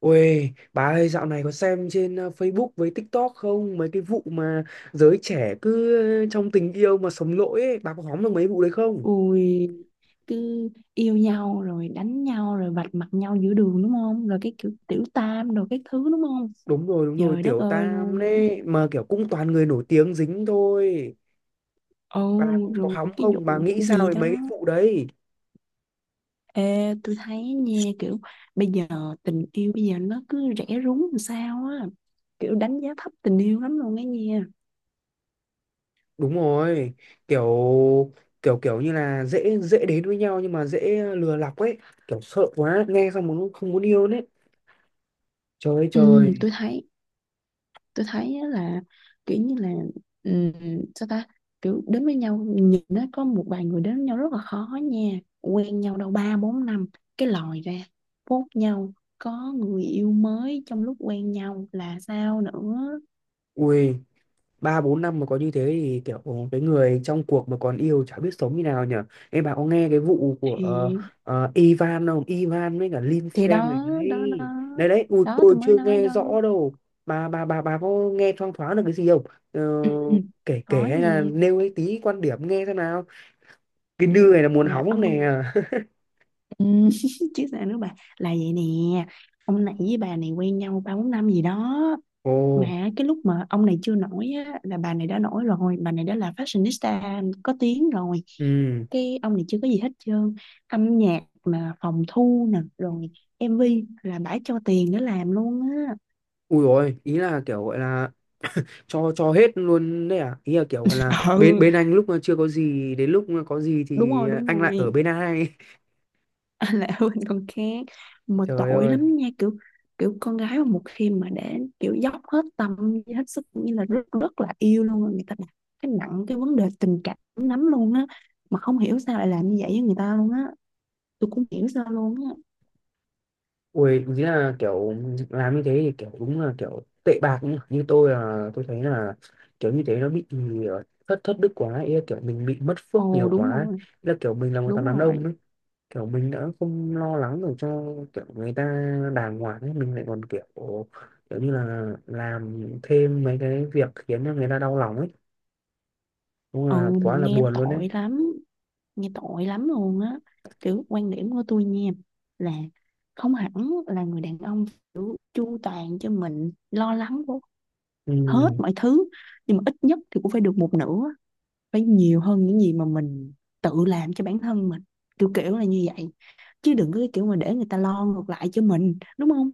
Ôi, bà ơi, dạo này có xem trên Facebook với TikTok không? Mấy cái vụ mà giới trẻ cứ trong tình yêu mà sống lỗi ấy, bà có hóng được mấy vụ đấy không? Ui, cứ yêu nhau rồi đánh nhau rồi vạch mặt nhau giữa đường đúng không? Rồi cái kiểu tiểu tam rồi cái thứ đúng không? Đúng rồi, Trời đất tiểu ơi tam luôn. đấy, mà kiểu cũng toàn người nổi tiếng dính thôi. Ồ, Bà có rồi hóng cái không? Bà vụ nghĩ cũng sao gì về đó. mấy cái vụ đấy? Ê, tôi thấy nha kiểu bây giờ tình yêu bây giờ nó cứ rẻ rúng làm sao á. Kiểu đánh giá thấp tình yêu lắm luôn ấy nha. Đúng rồi, kiểu kiểu kiểu như là dễ dễ đến với nhau nhưng mà dễ lừa lọc ấy, kiểu sợ quá, nghe xong muốn không muốn yêu đấy. Trời ơi Ừ, trời, tôi thấy á là kiểu như là ừm, sao ta kiểu đến với nhau nhìn nó có một vài người đến với nhau rất là khó nha, quen nhau đâu ba bốn năm cái lòi ra phốt nhau, có người yêu mới trong lúc quen nhau là sao nữa. ui. Ba bốn năm mà có như thế thì kiểu ồ, cái người trong cuộc mà còn yêu chả biết sống như nào nhở. Em bà có nghe cái vụ của thì Ivan không, Ivan với cả Lin thì Feng này, đó đó đó đấy đấy đấy, ui, đó tôi tôi mới chưa nói nghe đó. rõ đâu. Bà có nghe thoang thoáng được cái gì không? Ờ, Ừ, ừ. kể kể Có hay là gì nêu ấy tí quan điểm nghe xem nào, cái nư này là muốn là hóng không ông. nè. Ừ, chứ sao nữa bà, là vậy nè. Ông này với bà này quen nhau ba bốn năm gì đó, Ồ. mà cái lúc mà ông này chưa nổi á, là bà này đã nổi rồi, bà này đã là fashionista có tiếng rồi. Ừ. Cái ông này chưa có gì hết trơn, âm nhạc mà phòng thu nè, rồi MV, là bả cho tiền để làm luôn á. Ui, rồi ý là kiểu gọi là cho hết luôn đấy à, ý là kiểu là bên Ừ, bên anh lúc mà chưa có gì, đến lúc mà có gì đúng thì rồi, đúng anh lại ở rồi. bên ai. Là hơn con khác. Mà Trời tội ơi, lắm nha, kiểu kiểu con gái mà một khi mà để kiểu dốc hết tâm với hết sức như là rất rất là yêu luôn á, người ta đặt cái nặng cái vấn đề tình cảm lắm luôn á. Mà không hiểu sao lại làm như vậy với người ta luôn á, tôi cũng hiểu sao luôn á. ui, ý là kiểu làm như thế thì kiểu đúng là kiểu tệ bạc nhỉ. Như tôi là tôi thấy là kiểu như thế nó bị thất thất đức quá, ý là kiểu mình bị mất phước Ồ, nhiều đúng quá. rồi, Ý là kiểu mình là một thằng đúng đàn rồi. ông ấy, kiểu mình đã không lo lắng được cho kiểu người ta đàng hoàng ấy, mình lại còn kiểu kiểu như là làm thêm mấy cái việc khiến cho người ta đau lòng ấy, đúng Ừ, là mà quá là nghe buồn luôn đấy. tội lắm, nghe tội lắm luôn á. Kiểu quan điểm của tôi nha, là không hẳn là người đàn ông chu toàn cho mình lo lắng hết Ừ, mọi thứ, nhưng mà ít nhất thì cũng phải được một nửa, phải nhiều hơn những gì mà mình tự làm cho bản thân mình, kiểu kiểu là như vậy. Chứ đừng có cái kiểu mà để người ta lo ngược lại cho mình đúng không.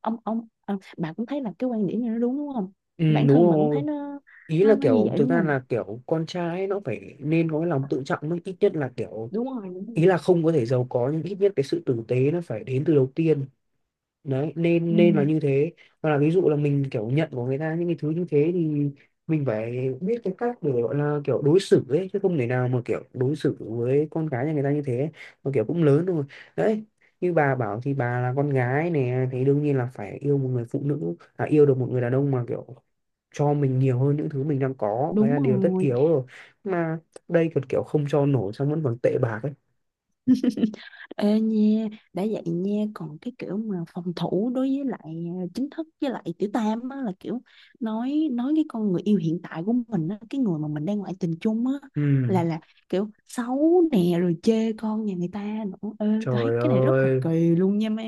Ông à, bà cũng thấy là cái quan điểm này nó đúng đúng không, ừ, bản đúng thân bà cũng rồi, thấy nó, ý là nó như kiểu vậy thực đúng ra không. là kiểu con trai ấy, nó phải nên có cái lòng tự trọng mới, ít nhất là kiểu Đúng rồi, đúng ý rồi. là không có thể giàu có nhưng ít nhất cái sự tử tế nó phải đến từ đầu tiên, đấy nên nên là Ừ, như thế. Hoặc là ví dụ là mình kiểu nhận của người ta những cái thứ như thế thì mình phải biết cái cách để gọi là kiểu đối xử ấy, chứ không thể nào mà kiểu đối xử với con gái nhà người ta như thế, mà kiểu cũng lớn rồi đấy. Như bà bảo thì bà là con gái nè thì đương nhiên là phải yêu một người phụ nữ, à, yêu được một người đàn ông mà kiểu cho mình nhiều hơn những thứ mình đang có, đấy đúng là điều tất rồi. yếu rồi, mà đây còn kiểu không cho nổi xong vẫn còn tệ bạc ấy. Ê nha, đã vậy nha còn cái kiểu mà phòng thủ đối với lại chính thức với lại tiểu tam á, là kiểu nói cái con người yêu hiện tại của mình á, cái người mà mình đang ngoại tình chung á, là Ừ, là kiểu xấu nè, rồi chê con nhà người ta nữa. Ê tôi trời thấy cái này rất là ơi, kỳ luôn nha má.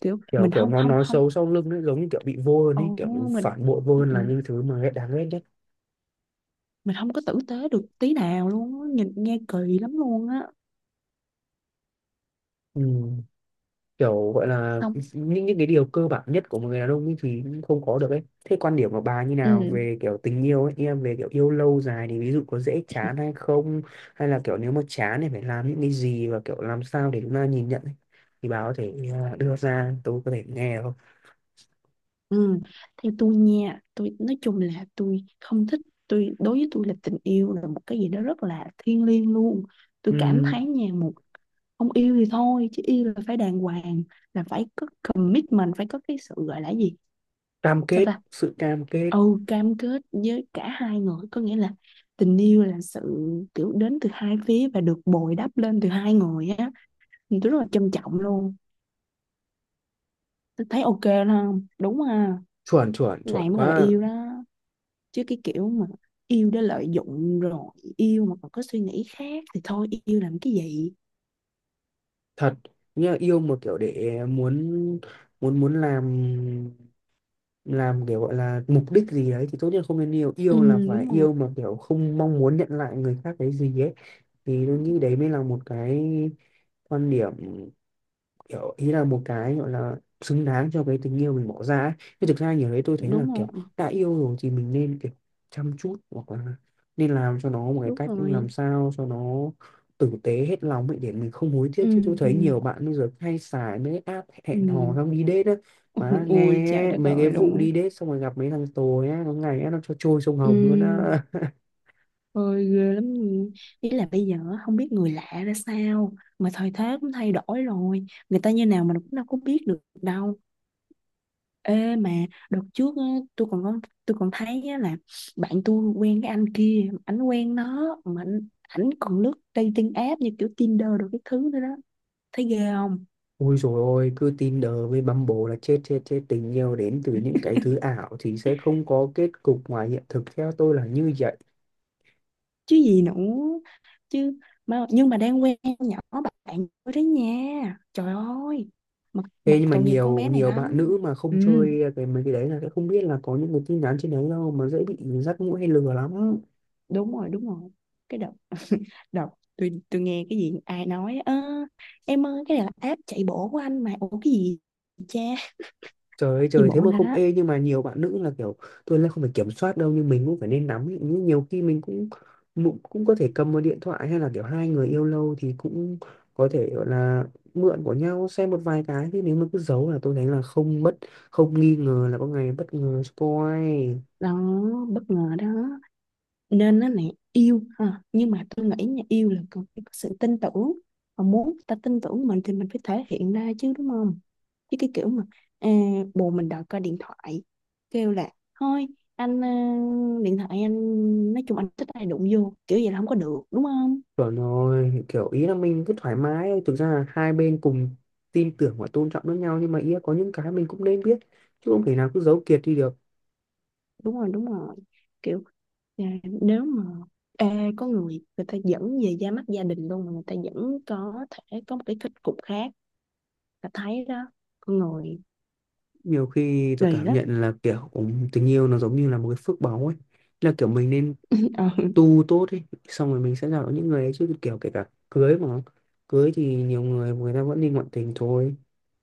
Kiểu kiểu mình kiểu không nó không nói không xấu sau lưng ấy, giống như kiểu bị vô hơn Ồ, ấy, kiểu mình. phản bội vô hơn Ừ, là những thứ mà ghét, đáng ghét nhất. mình không có tử tế được tí nào luôn á, nhìn nghe kỳ lắm luôn á. Ừ. Kiểu gọi là Xong. những cái điều cơ bản nhất của một người đàn ông ấy thì không có được ấy. Thế quan điểm của bà như nào Ừ, về kiểu tình yêu ấy, em, về kiểu yêu lâu dài thì ví dụ có dễ chán hay không, hay là kiểu nếu mà chán thì phải làm những cái gì, và kiểu làm sao để chúng ta nhìn nhận ấy. Thì bà có thể à, đưa ra tôi có thể nghe được không? ừ. Theo tôi nha, tôi nói chung là tôi không thích. Tôi đối với tôi là tình yêu là một cái gì đó rất là thiêng liêng luôn. Tôi cảm Ừm, thấy nha, một, không yêu thì thôi chứ yêu là phải đàng hoàng, là phải có commitment, phải có cái sự gọi là gì, cam sao kết, ta. sự cam kết, Ừ, cam kết với cả hai người, có nghĩa là tình yêu là sự kiểu đến từ hai phía và được bồi đắp lên từ hai người á, thì tôi rất là trân trọng luôn. Tôi thấy ok đó không đúng ha. chuẩn chuẩn Cái này chuẩn mới gọi là quá. yêu đó, chứ cái kiểu mà yêu để lợi dụng, rồi yêu mà còn có suy nghĩ khác thì thôi yêu làm cái gì. Thật, nghĩa là yêu một kiểu để muốn muốn muốn làm kiểu gọi là mục đích gì đấy thì tốt nhất không nên yêu, Ừ, yêu là phải đúng rồi, yêu mà kiểu không mong muốn nhận lại người khác cái gì ấy, thì tôi nghĩ đấy mới là một cái quan điểm, kiểu ý là một cái gọi là xứng đáng cho cái tình yêu mình bỏ ra ấy. Chứ thực ra nhiều đấy, tôi thấy là đúng rồi, kiểu đã yêu rồi thì mình nên kiểu chăm chút hoặc là nên làm cho nó một cái đúng cách rồi. làm sao cho nó tử tế hết lòng ấy để mình không hối tiếc. Chứ tôi Ừ, ừ, thấy nhiều bạn bây giờ hay xài mấy cái app ừ. hẹn hò xong đi date á, Ôi mà ôi, trời nghe đất mấy cái ơi luôn vụ á. đi date xong rồi gặp mấy thằng tồi á, có ngày á, nó cho trôi sông Hồng luôn Ừ, á. ôi ghê lắm. Ý là bây giờ á, không biết người lạ ra sao, mà thời thế cũng thay đổi rồi, người ta như nào mình cũng đâu có biết được đâu. Ê mà đợt trước á, tôi còn có, tôi còn thấy á là bạn tôi quen cái anh kia, ảnh quen nó mà ảnh ảnh còn lướt dating app như kiểu Tinder đồ cái thứ nữa đó. Thấy ghê không? Ôi dồi ôi, cứ Tinder với Bumble là chết chết chết, tình yêu đến từ những cái thứ ảo thì sẽ không có kết cục ngoài hiện thực, theo tôi là như vậy. Chứ gì nữa. Chứ mà nhưng mà đang quen con nhỏ bạn tôi đấy nha. Trời ơi. Mà Thế nhưng mà tội nghiệp con nhiều bé này nhiều bạn lắm. nữ mà không Ừ, chơi cái mấy cái đấy là sẽ không biết là có những người tin nhắn trên đấy đâu, mà dễ bị dắt mũi hay lừa lắm. đúng rồi, đúng rồi. Cái đợt đợt tôi nghe cái gì ai nói, ơ em ơi cái này là app chạy bộ của anh, mà ủa cái gì cha, Trời ơi chạy trời, thế bộ mà nào không, đó. ê nhưng mà nhiều bạn nữ là kiểu tôi là không phải kiểm soát đâu nhưng mình cũng phải nên nắm ý. Nhưng nhiều khi mình cũng cũng cũng có thể cầm một điện thoại hay là kiểu hai người yêu lâu thì cũng có thể gọi là mượn của nhau xem một vài cái, thế nếu mà cứ giấu là tôi thấy là không bất không nghi ngờ là có ngày bất ngờ spoil. Đó bất ngờ đó, nên nó này yêu ha, nhưng mà tôi nghĩ nha yêu là cần phải có sự tin tưởng, và muốn người ta tin tưởng mình thì mình phải thể hiện ra chứ đúng không. Chứ cái kiểu mà, à, bồ mình đòi coi điện thoại, kêu là thôi anh à, điện thoại anh nói chung anh thích ai đụng vô, kiểu vậy là không có được đúng không. Chuẩn rồi, kiểu ý là mình cứ thoải mái thôi. Thực ra là hai bên cùng tin tưởng và tôn trọng lẫn nhau, nhưng mà ý là có những cái mình cũng nên biết, chứ không thể nào cứ giấu kiệt đi được. Đúng rồi, đúng rồi, kiểu nếu mà có người, người ta dẫn về ra mắt gia đình luôn mà người ta vẫn có thể có một cái kết cục khác, ta thấy đó, con người Nhiều khi tôi kỳ cảm lắm. nhận là kiểu tình yêu nó giống như là một cái phước báu ấy, là kiểu mình nên Ừ, tu tốt ấy, xong rồi mình sẽ gặp được những người ấy. Chứ kiểu kể cả cưới, mà cưới thì nhiều người người ta vẫn đi ngoại tình thôi,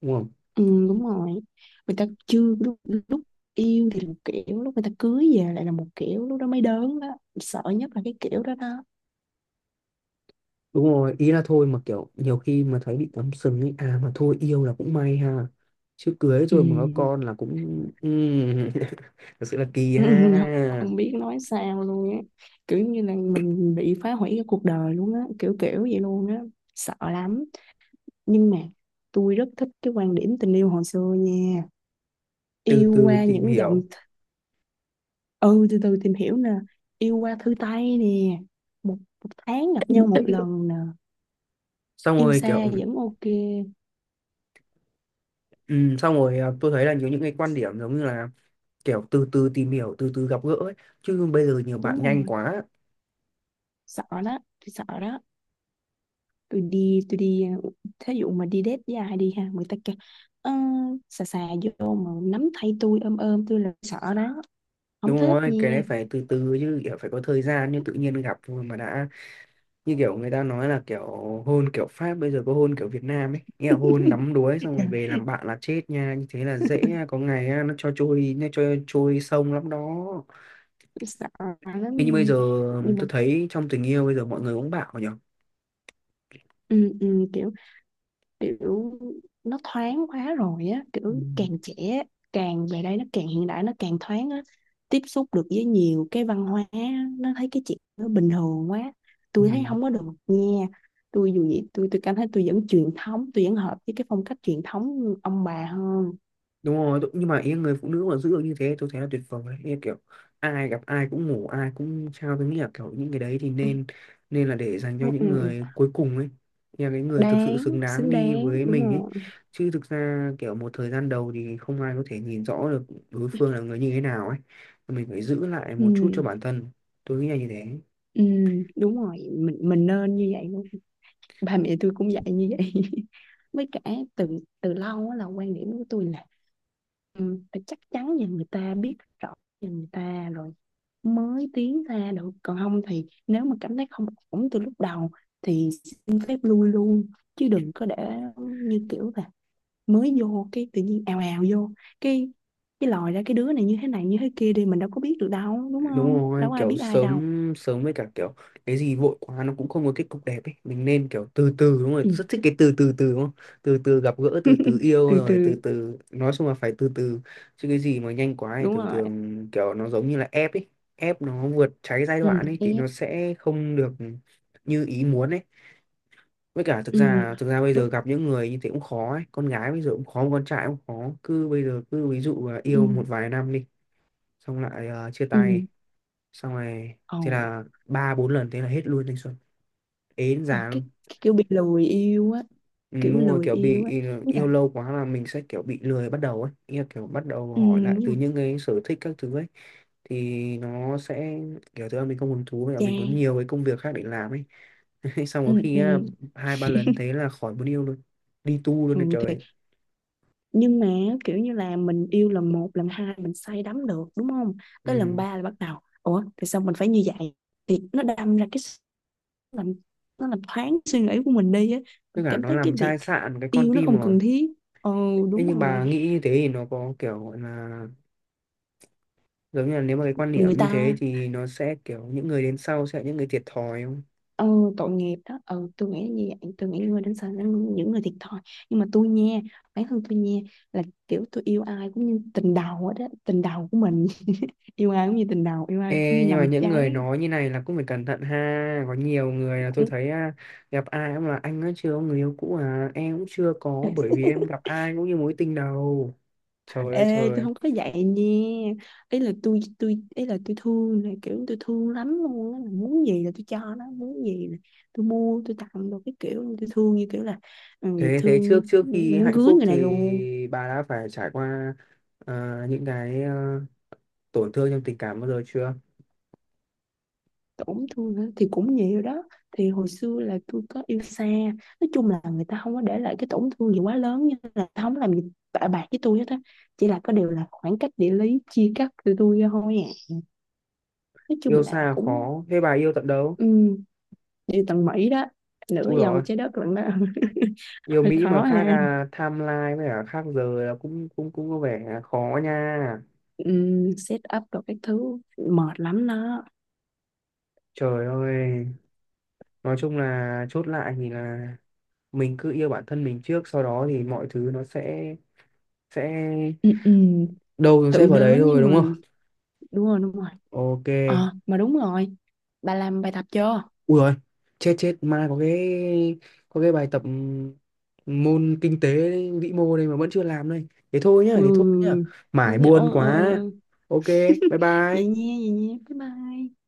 đúng không? ừ, đúng rồi. Người ta chưa lúc, lúc yêu thì là một kiểu, lúc người ta cưới về lại là một kiểu, lúc đó mới đớn đó, sợ nhất là cái kiểu đó đó. Đúng rồi, ý là thôi mà kiểu nhiều khi mà thấy bị cắm sừng ấy, à mà thôi yêu là cũng may ha, chứ cưới Ừ. rồi mà có con là cũng thật sự là kỳ ha. Không biết nói sao luôn á, kiểu như là mình bị phá hủy cái cuộc đời luôn á, kiểu kiểu vậy luôn á, sợ lắm. Nhưng mà tôi rất thích cái quan điểm tình yêu hồi xưa nha, Từ yêu từ qua tìm những dòng. hiểu, Ừ, từ từ tìm hiểu nè, yêu qua thư tay nè, một, một tháng gặp nhau một lần nè, xong yêu rồi xa kiểu vẫn ok. Xong rồi à, tôi thấy là nhiều những cái quan điểm giống như là kiểu từ từ tìm hiểu, từ từ gặp gỡ ấy. Chứ bây giờ nhiều Đúng bạn nhanh rồi, quá, sợ đó, tôi sợ đó. Tôi đi thí dụ mà đi date dài đi ha, người ta kêu "Ơ, xà xà vô mà nắm tay tôi, ôm ôm tôi" là sợ đó, không đúng thích rồi, nha. cái đấy phải từ từ chứ, kiểu phải có thời gian như tự nhiên gặp thôi mà đã như kiểu người ta nói là kiểu hôn kiểu Pháp bây giờ có hôn kiểu Việt Nam ấy, nghĩa là hôn đắm đuối xong rồi về Trời, làm bạn là chết nha, như thế là dễ nha. Có ngày á, nó cho trôi sông lắm đó. tôi sợ lắm. Thế như bây giờ Nhưng mà tôi thấy trong tình yêu bây giờ mọi người cũng bảo nhỉ. ừ, ừ, kiểu kiểu nó thoáng quá rồi á, Ừ. kiểu càng trẻ càng về đây nó càng hiện đại, nó càng thoáng á, tiếp xúc được với nhiều cái văn hóa á, nó thấy cái chuyện nó bình thường quá. Ừ. Tôi thấy không có được nha, tôi dù gì tôi cảm thấy tôi vẫn truyền thống, tôi vẫn hợp với cái phong cách truyền thống ông bà hơn. Đúng rồi, đúng- nhưng mà ý người phụ nữ mà giữ được như thế tôi thấy là tuyệt vời đấy. Ý kiểu ai gặp ai cũng ngủ, ai cũng trao, tôi nghĩ là kiểu những cái đấy thì Ừ, nên nên là để dành cho ừ, ừ. những người cuối cùng ấy. Ý là cái người thực sự Đáng, xứng đáng xứng đi đáng, với đúng mình ấy, rồi. chứ thực ra kiểu một thời gian đầu thì không ai có thể nhìn rõ được đối phương là người như thế nào ấy, mình phải giữ lại một chút cho Ừ, bản thân, tôi nghĩ là như thế. ừ, đúng rồi, mình nên như vậy luôn. Ba mẹ tôi cũng dạy như vậy. Với cả từ từ lâu á là quan điểm của tôi là ừ, phải chắc chắn và người ta biết rõ về người ta rồi mới tiến ra được. Còn không thì nếu mà cảm thấy không ổn từ lúc đầu thì xin phép lui luôn, chứ đừng có để như kiểu là mới vô cái tự nhiên ào ào vô cái cái lòi ra cái đứa này như thế kia đi, mình đâu có biết được đâu đúng Đúng không, đâu rồi, có ai kiểu biết ai đâu. sớm sớm với cả kiểu cái gì vội quá nó cũng không có kết cục đẹp ấy, mình nên kiểu từ từ, đúng rồi, Ừ. rất thích cái từ từ từ đúng không? Từ từ gặp gỡ, từ từ yêu, Từ rồi từ từ, từ, nói chung là phải từ từ, chứ cái gì mà nhanh quá thì đúng thường rồi. thường kiểu nó giống như là ép ấy, ép nó vượt trái giai Ừ, đoạn ấy thì nó ép. sẽ không được như ý muốn ấy. Với cả thực Ừ. ra thực ra bây Lúc, giờ gặp những người như thế cũng khó ấy, con gái bây giờ cũng khó, con trai cũng khó. Cứ bây giờ cứ ví dụ là ừ, yêu một vài năm đi, xong lại chia ừ, tay, xong rồi ồ, thế là ba bốn lần thế là hết luôn thanh xuân, ế ờ, già luôn. cái kiểu bị lười yêu á, Ừ, kiểu đúng rồi, lười kiểu bị yêu á, ừ, đúng rồi. yêu lâu quá là mình sẽ kiểu bị lười bắt đầu ấy. Ý là kiểu bắt đầu Ừ, hỏi lại đúng từ rồi, những cái sở thích các thứ ấy, thì nó sẽ kiểu thứ là mình không hứng thú và cha, mình có nhiều cái công việc khác để làm ấy. Xong có ừ, khi ừ, á, hai ba lần thế là khỏi muốn yêu luôn, đi tu luôn ừ đấy thì. trời. Nhưng mà kiểu như là mình yêu lần một lần hai mình say đắm được đúng không, tới lần Ừ. ba là bắt đầu ủa thì sao mình phải như vậy, thì nó đâm ra cái làm, nó làm thoáng suy nghĩ của mình đi á, Tất mình cả cảm nó thấy cái làm việc chai sạn cái con yêu nó tim không rồi. cần thiết. Ừ, Thế đúng nhưng rồi, bà nghĩ như thế thì nó có kiểu gọi là giống như là nếu mà cái quan người điểm như thế ta, thì nó sẽ kiểu những người đến sau sẽ là những người thiệt thòi không? ừ, tội nghiệp đó. Ừ tôi nghĩ là như vậy, tôi nghĩ những người đến sợ những người thiệt thòi. Nhưng mà tôi nha, bản thân tôi nha, là kiểu tôi yêu ai cũng như tình đầu đó, tình đầu của mình. Yêu ai cũng như tình đầu, yêu ai cũng như Ê, nhưng mà nồng những người cháy. nói như này là cũng phải cẩn thận ha, có nhiều người là tôi thấy à, gặp ai cũng là anh ấy chưa có người yêu cũ, à em cũng chưa có bởi vì em gặp ai cũng như mối tình đầu. Trời ơi Ê tôi trời, không có vậy nha. Ý là tôi ý là tôi thương, là kiểu tôi thương lắm luôn á, là muốn gì là tôi cho nó, muốn gì là tôi mua tôi tặng đồ, cái kiểu tôi thương như kiểu là ừ, thế thế thương trước như trước khi muốn hạnh cưới phúc người này luôn. thì bà đã phải trải qua à, những cái à, tổn thương trong tình cảm bao giờ chưa? Tổn thương hả? Thì cũng nhiều đó, thì hồi xưa là tôi có yêu xa. Nói chung là người ta không có để lại cái tổn thương gì quá lớn, như là không làm gì bạc với tôi hết á, chỉ là có điều là khoảng cách địa lý chia cắt tôi ra thôi à. Nói chung Yêu là xa cũng khó thế, bà yêu tận đâu? um, đi tầng Mỹ đó, nửa Ui dồi vòng ôi. trái đất lận đó. Yêu Hơi Mỹ mà khó khác ha, à, timeline với cả khác giờ là cũng cũng cũng có vẻ khó nha. Set up rồi các thứ mệt lắm đó. Trời ơi, nói chung là chốt lại thì là mình cứ yêu bản thân mình trước, sau đó thì mọi thứ nó sẽ Ừ, ừ, đâu nó sẽ tự vào đấy đến với thôi, đúng không? mình, đúng rồi, đúng rồi. Ok. Ờ mà đúng rồi, bà làm bài tập chưa. Ui rồi, chết chết, mai có cái bài tập môn kinh tế vĩ mô đây mà vẫn chưa làm đây, thế thôi nhá, thế thôi nhá, Ừ, ừ, mải ừ. Ờ, buồn ờ, ờ, quá. ờ. Ok, bye Vậy bye. nha, vậy nha, bye bye.